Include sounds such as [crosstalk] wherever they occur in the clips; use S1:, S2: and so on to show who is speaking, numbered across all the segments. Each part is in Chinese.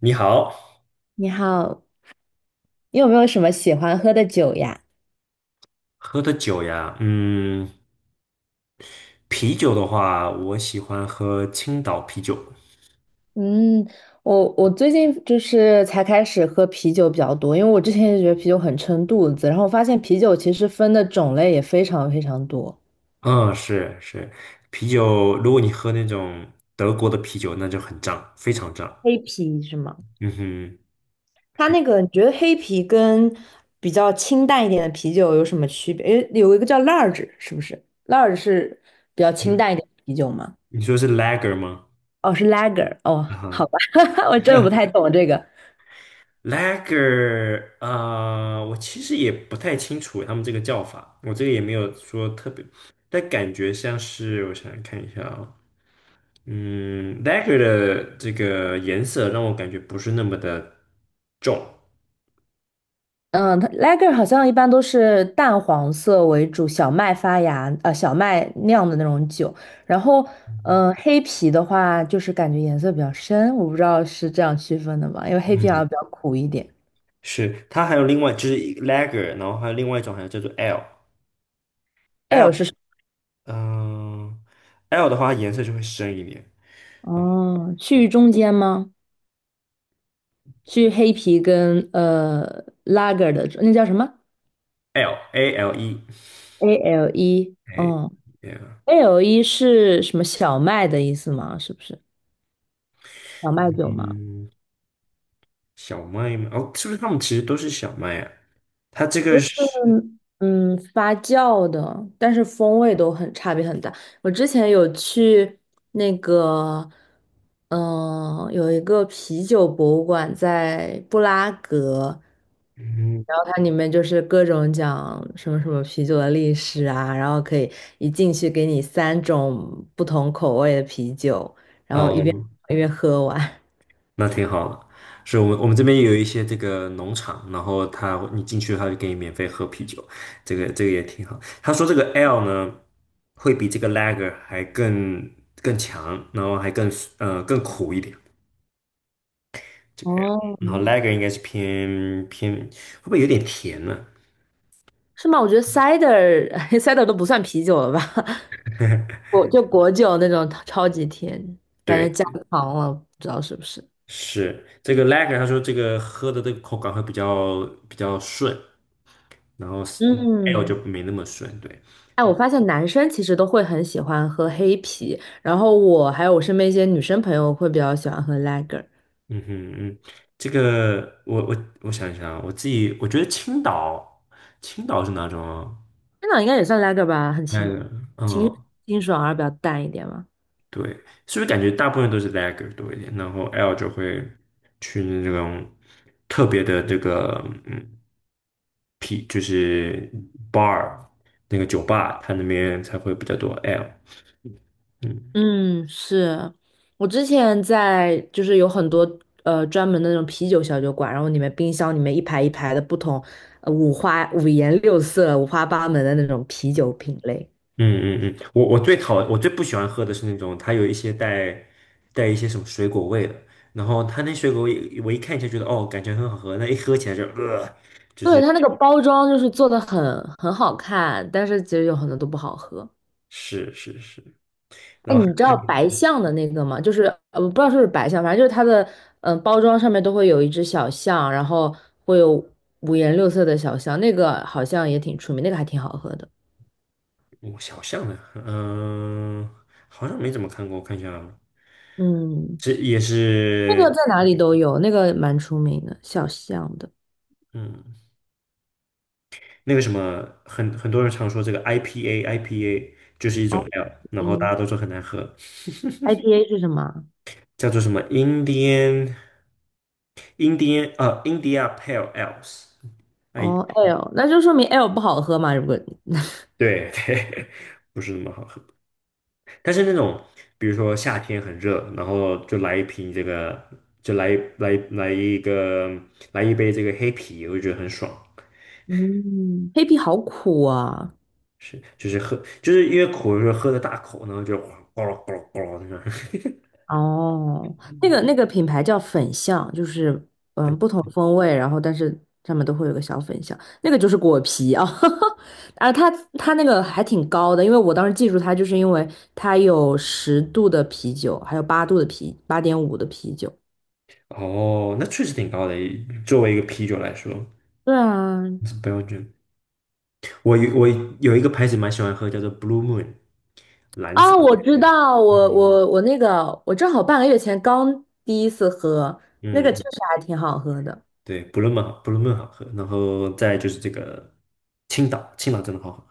S1: 你好，
S2: 你好，你有没有什么喜欢喝的酒呀？
S1: 喝的酒呀，啤酒的话，我喜欢喝青岛啤酒。
S2: 嗯，我最近就是才开始喝啤酒比较多，因为我之前也觉得啤酒很撑肚子，然后我发现啤酒其实分的种类也非常非常多。
S1: 嗯，是是，啤酒，如果你喝那种德国的啤酒，那就很胀，非常胀。
S2: 黑啤是吗？
S1: 嗯哼，
S2: 它那个你觉得黑啤跟比较清淡一点的啤酒有什么区别？诶，有一个叫 large 是不是？large 是比较清
S1: 你
S2: 淡一点的啤酒吗？
S1: 你说是 Lager 吗？
S2: 哦，是 Lager，哦，
S1: 啊
S2: 好
S1: 哈
S2: 吧，[laughs] 我真的不太
S1: [laughs]
S2: 懂这个。
S1: Lager，啊，我其实也不太清楚他们这个叫法，我这个也没有说特别，但感觉像是，我想想看一下啊、Lager 的这个颜色让我感觉不是那么的重。
S2: 嗯，它 lager 好像一般都是淡黄色为主，小麦发芽，小麦酿的那种酒。然后，
S1: 嗯，
S2: 黑啤的话，就是感觉颜色比较深，我不知道是这样区分的吗？因为黑啤好
S1: 嗯
S2: 像比较苦一点。
S1: 是，它还有另外就是 Lager，然后还有另外一种，还有叫做 L，
S2: ale 是什
S1: 嗯，L 的话它颜色就会深一点。
S2: 么？哦，
S1: 嗯
S2: 去中间吗？去黑啤跟lager 的那叫什么
S1: ，L A L E，
S2: ？ale？
S1: 哎
S2: 嗯
S1: ，yeah，
S2: ，ale 是什么小麦的意思吗？是不是小麦酒吗？
S1: 嗯，小麦吗？哦，是不是他们其实都是小麦啊？它这
S2: 都
S1: 个
S2: 是
S1: 是，
S2: 发酵的，但是风味都很差别很大。我之前有去那个，有一个啤酒博物馆在布拉格，
S1: 嗯，
S2: 然后它里面就是各种讲什么什么啤酒的历史啊，然后可以一进去给你三种不同口味的啤酒，
S1: 哦，
S2: 因为喝完。
S1: 那挺好的。是我们这边也有一些这个农场，然后他你进去他就给你免费喝啤酒，这个也挺好。他说这个 L 呢会比这个 Lager 还更强，然后还更苦一点，这个 L，
S2: 哦，
S1: 然后 Lager 应该是偏会不会有点甜呢？
S2: 是吗？我觉得 cider [laughs] cider 都不算啤酒了吧？果就果酒那种超级甜，感觉
S1: 对，
S2: 加糖了，不知道是不是。
S1: 是这个 Lager，他说这个喝的这个口感会比较顺，然后是 L 就
S2: 嗯，
S1: 没那么顺，对。
S2: 哎，我发现男生其实都会很喜欢喝黑啤，然后我还有我身边一些女生朋友会比较喜欢喝 lager，
S1: 嗯哼嗯，这个我想一想啊我自己我觉得青岛，青岛是哪种啊
S2: 那应该也算 lager 吧，很
S1: l a
S2: 清
S1: 嗯，
S2: 清爽而比较淡一点嘛。
S1: 对，是不是感觉大部分都是 lager 多一点，然后 L 就会去那种特别的这个P 就是 bar 那个酒吧，它那边才会比较多 L，嗯。
S2: 嗯，是我之前在就是有很多专门的那种啤酒小酒馆，然后里面冰箱里面一排一排的不同，五颜六色、五花八门的那种啤酒品类。
S1: 嗯嗯嗯，我最不喜欢喝的是那种它有一些带一些什么水果味的，然后它那水果味我一看就觉得哦感觉很好喝，那一喝起来就
S2: 对，它那个包装就是做的很好看，但是其实有很多都不好喝。
S1: 是是是，
S2: 哎，
S1: 然后
S2: 你知
S1: 还
S2: 道白象的那个吗？就是，我不知道是不是白象，反正就是它的包装上面都会有一只小象，然后会有五颜六色的小象，那个好像也挺出名，那个还挺好喝的。
S1: 我小象的，嗯、好像没怎么看过，我看一下啊，
S2: 嗯，
S1: 这也
S2: 那个
S1: 是
S2: 在哪里都有，那个蛮出名的，小象的。
S1: 嗯那个什么很多人常说这个 IPA 就是一
S2: 嗯，
S1: 种 L，
S2: I
S1: 然后大
S2: 嗯
S1: 家都说很难喝，
S2: ，IPA 是什么啊？
S1: 叫做什么 Indian。India Pale Ales，哎，
S2: 哦，L，那就说明 L 不好喝嘛，如果 [laughs]
S1: 对对，[laughs] 不是那么好喝。但是那种，比如说夏天很热，然后就来一瓶这个，就来来来一个来一杯这个黑啤，我就觉得很爽。
S2: 嗯，黑啤好苦啊。
S1: 是，就是喝，就是因为苦，就是喝的大口，然后就咕噜咕噜咕噜那种。
S2: 哦，那个
S1: [laughs]
S2: 那个品牌叫粉象，就是不同风味，然后但是上面都会有个小粉象，那个就是果皮啊，[laughs] 啊它那个还挺高的，因为我当时记住它，就是因为它有10度的啤酒，还有8度的啤，8.5的啤酒。
S1: 哦，那确实挺高的，作为一个啤酒来说，
S2: 对啊，
S1: 是标准。我有一个牌子蛮喜欢喝，叫做 Blue Moon，蓝色
S2: 啊，
S1: 的
S2: 我
S1: 月
S2: 知
S1: 亮。
S2: 道，
S1: 嗯。
S2: 我正好半个月前刚第一次喝，那个确
S1: 嗯，
S2: 实还挺好喝的。
S1: 对，不论曼好喝，然后再就是这个青岛真的好喝，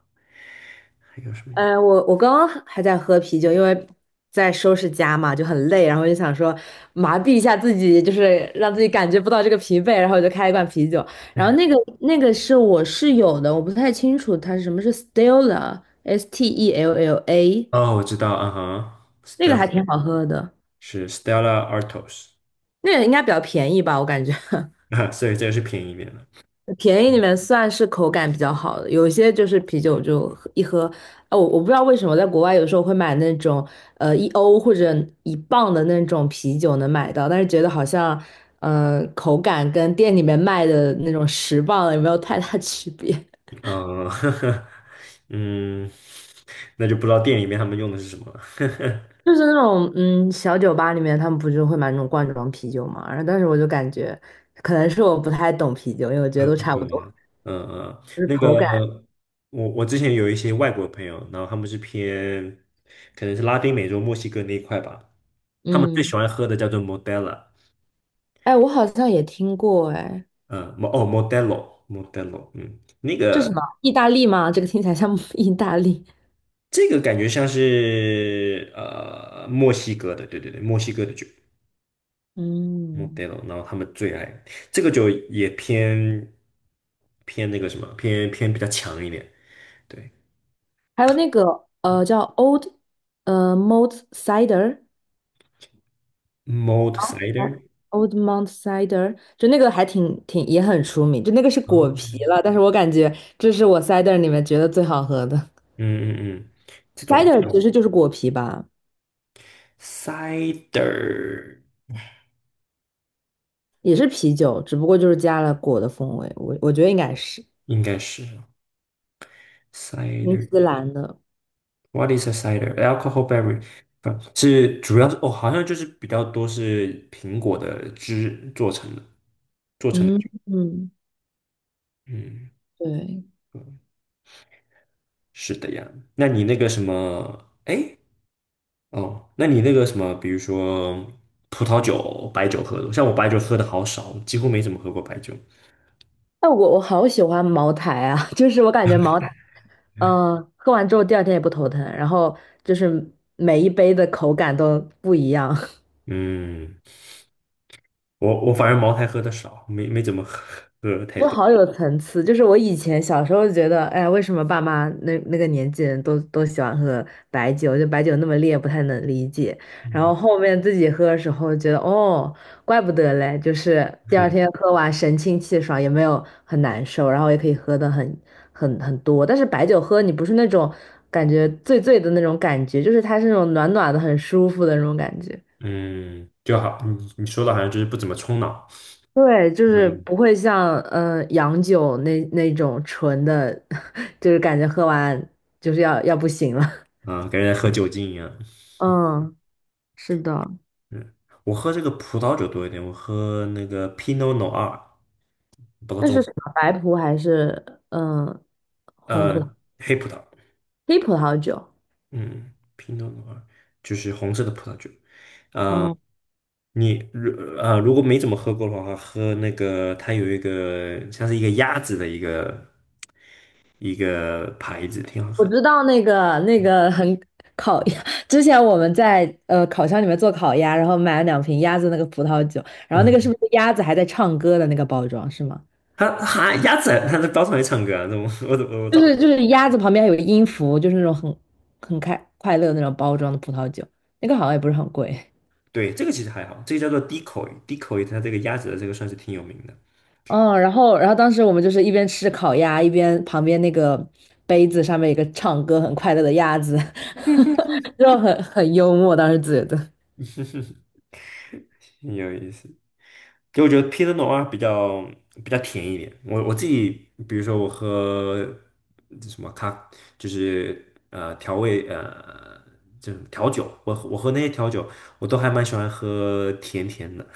S1: 还有什么呀？
S2: 我刚刚还在喝啤酒，因为在收拾家嘛，就很累，然后就想说麻痹一下自己，就是让自己感觉不到这个疲惫，然后我就开了一罐啤酒。然后那个是我室友的，我不太清楚它是什么，是 Stella，S T E L L A，
S1: 哦，我知道，啊哈
S2: 那个还
S1: ，Stella
S2: 挺好喝的，
S1: 是 Stella Artois，
S2: 那个应该比较便宜吧，我感觉。[laughs]
S1: [laughs] 啊，所以这个是便宜面了。
S2: 便宜里面算是口感比较好的，有些就是啤酒就喝一喝，哦，我不知道为什么在国外有时候会买那种1欧或者1磅的那种啤酒能买到，但是觉得好像口感跟店里面卖的那种10磅的也没有太大区别，[laughs]
S1: 嗯，[laughs] 嗯，那就不知道店里面他们用的是什么了，
S2: 就是那种小酒吧里面他们不是会买那种罐装啤酒嘛，然后但是我就感觉可能是我不太懂啤酒，因为我觉得
S1: 喝
S2: 都
S1: 不
S2: 差
S1: 出
S2: 不多，
S1: 来。嗯嗯，
S2: 就是
S1: 那
S2: 口感，
S1: 个我之前有一些外国朋友，然后他们是偏可能是拉丁美洲、墨西哥那一块吧，他们最喜
S2: 嗯，
S1: 欢喝的叫做 m o d e l a
S2: 哎，我好像也听过，哎。
S1: 嗯，哦，Modelo，嗯，那
S2: 这是什
S1: 个
S2: 么？意大利吗？这个听起来像 [laughs] 意大利。
S1: 这个感觉像是墨西哥的，对对对，墨西哥的酒
S2: 嗯，
S1: ，Modelo，然后他们最爱这个酒也偏偏那个什么，偏偏比较强一点，对
S2: 还有那个叫 Old Mount Cider
S1: ，Mod Cider，
S2: Old Mount Cider，就那个还挺也很出名，就那个是果啤了，
S1: 哦
S2: 但是我感觉这是我 cider 里面觉得最好喝的。
S1: 嗯嗯嗯，这种
S2: cider 其实就是果啤吧，
S1: Cider
S2: 也是啤酒，只不过就是加了果的风味，我觉得应该是
S1: 应该是
S2: 新
S1: Cider。
S2: 西兰的。
S1: What is a cider? Alcohol b e r r y 不是主要是哦，好像就是比较多是苹果的汁做成的
S2: 嗯
S1: 酒。
S2: 嗯，
S1: 嗯，
S2: 对，
S1: 是的呀。那你那个什么，哎，哦，那你那个什么，比如说葡萄酒、白酒喝的，像我白酒喝的好少，几乎没怎么喝过白酒。
S2: 但我好喜欢茅台啊，[laughs] 就是我感觉茅台，喝完之后第二天也不头疼，然后就是每一杯的口感都不一样。
S1: 嗯，我反而茅台喝的少，没怎么喝太
S2: 就
S1: 多。
S2: 好有层次，就是我以前小时候觉得，哎呀为什么爸妈那个年纪人都喜欢喝白酒，就白酒那么烈，不太能理解。然后后面自己喝的时候，觉得哦，怪不得嘞，就是第二
S1: 嗯
S2: 天喝完神清气爽，也没有很难受，然后也可以喝的很多。但是白酒喝你不是那种感觉醉醉的那种感觉，就是它是那种暖暖的、很舒服的那种感觉。
S1: [laughs] 嗯就好。你说的好像就是不怎么冲脑。
S2: 对，就是不会像洋酒那种纯的，[laughs] 就是感觉喝完就是要不行了。[laughs]
S1: 啊，感觉在喝酒精一样。
S2: 嗯，是的。
S1: 嗯，我喝这个葡萄酒多一点，我喝那个 Pinot Noir，包知道
S2: 那
S1: 中
S2: 是
S1: 文
S2: 什么？白葡还是嗯、呃红葡萄、
S1: 黑葡萄，
S2: 黑葡萄酒？
S1: 嗯，Pinot Noir 就是红色的葡萄酒。啊、
S2: 哦，
S1: 你如啊、如果没怎么喝过的话，喝那个它有一个像是一个鸭子的一个牌子，挺好
S2: 我
S1: 喝。
S2: 知道那个很烤鸭，[laughs] 之前我们在烤箱里面做烤鸭，然后买了两瓶鸭子那个葡萄酒，然后那个是
S1: 嗯，
S2: 不是鸭子还在唱歌的那个包装是吗？
S1: 它鸭子它在包场里唱歌啊，那我
S2: 就
S1: 找
S2: 是就是鸭子旁边还有个音符，就是那种很开快乐那种包装的葡萄酒，那个好像也不是很贵。
S1: 对，这个其实还好，这个叫做 Decoy， 它这个鸭子的这个算是挺有名的。
S2: 嗯，然后当时我们就是一边吃烤鸭，一边旁边那个杯子上面有一个唱歌很快乐的鸭子，[laughs] 就很幽默，当时觉得。
S1: 挺有意思。就我觉得 Pinot Noir 比较甜一点。我自己，比如说我喝这什么咖，就是呃调味呃，就是调酒，我喝那些调酒，我都还蛮喜欢喝甜甜的。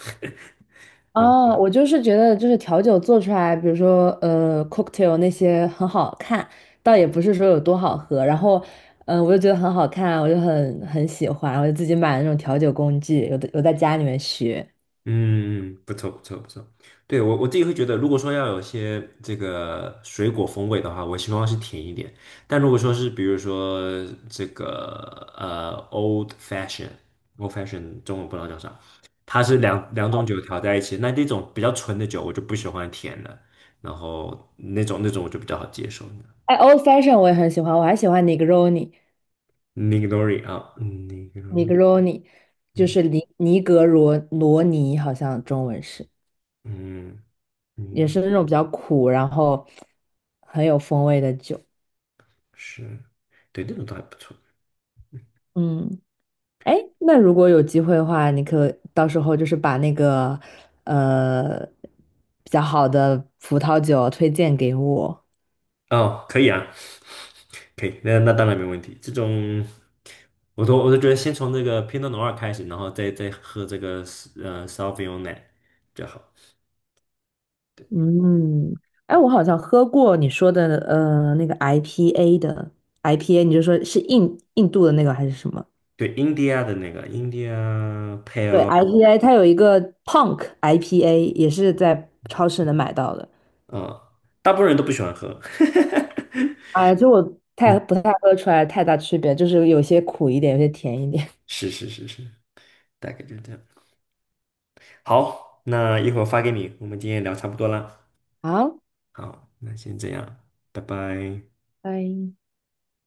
S2: 哦，我就是觉得，就是调酒做出来，比如说cocktail 那些很好看，倒也不是说有多好喝。然后，我就觉得很好看，我就很喜欢，我就自己买了那种调酒工具，有的有在家里面学。
S1: 嗯，不错不错不错。对，我自己会觉得，如果说要有些这个水果风味的话，我希望是甜一点。但如果说是比如说这个呃 old fashion old fashion 中文不知道叫啥，它是两种酒调在一起，那这种比较纯的酒我就不喜欢甜的，然后那种我就比较好接受。
S2: 哎，old fashion 我也很喜欢，我还喜欢
S1: Negroni 啊，Negroni，
S2: Negroni，Negroni 就是尼尼格罗罗尼，好像中文是，
S1: 嗯
S2: 也
S1: ，Negro
S2: 是那种比较苦，然后很有风味的酒。
S1: 是，对，那种倒还不错。
S2: 嗯，哎，那如果有机会的话，你可到时候就是把那个呃比较好的葡萄酒推荐给我。
S1: 哦，可以啊，可以，那当然没问题。这种，我都觉得先从这个 Pinot Noir 开始，然后再喝这个Sauvignon 就好。
S2: 嗯，哎，我好像喝过你说的那个 IPA 的 IPA，你就说是印度的那个还是什么？
S1: 对，India 的那个 India
S2: 对
S1: Pale，
S2: ，IPA 它有一个 Punk IPA，也是在超市能买到的。
S1: 大部分人都不喜欢喝。[laughs]
S2: 哎，就我太
S1: 嗯，
S2: 不太喝出来太大区别，就是有些苦一点，有些甜一点。
S1: 是是是是，大概就这样。好，那一会儿发给你，我们今天聊差不多啦。
S2: [laughs] 好，
S1: 好，那先这样，拜拜。
S2: 拜。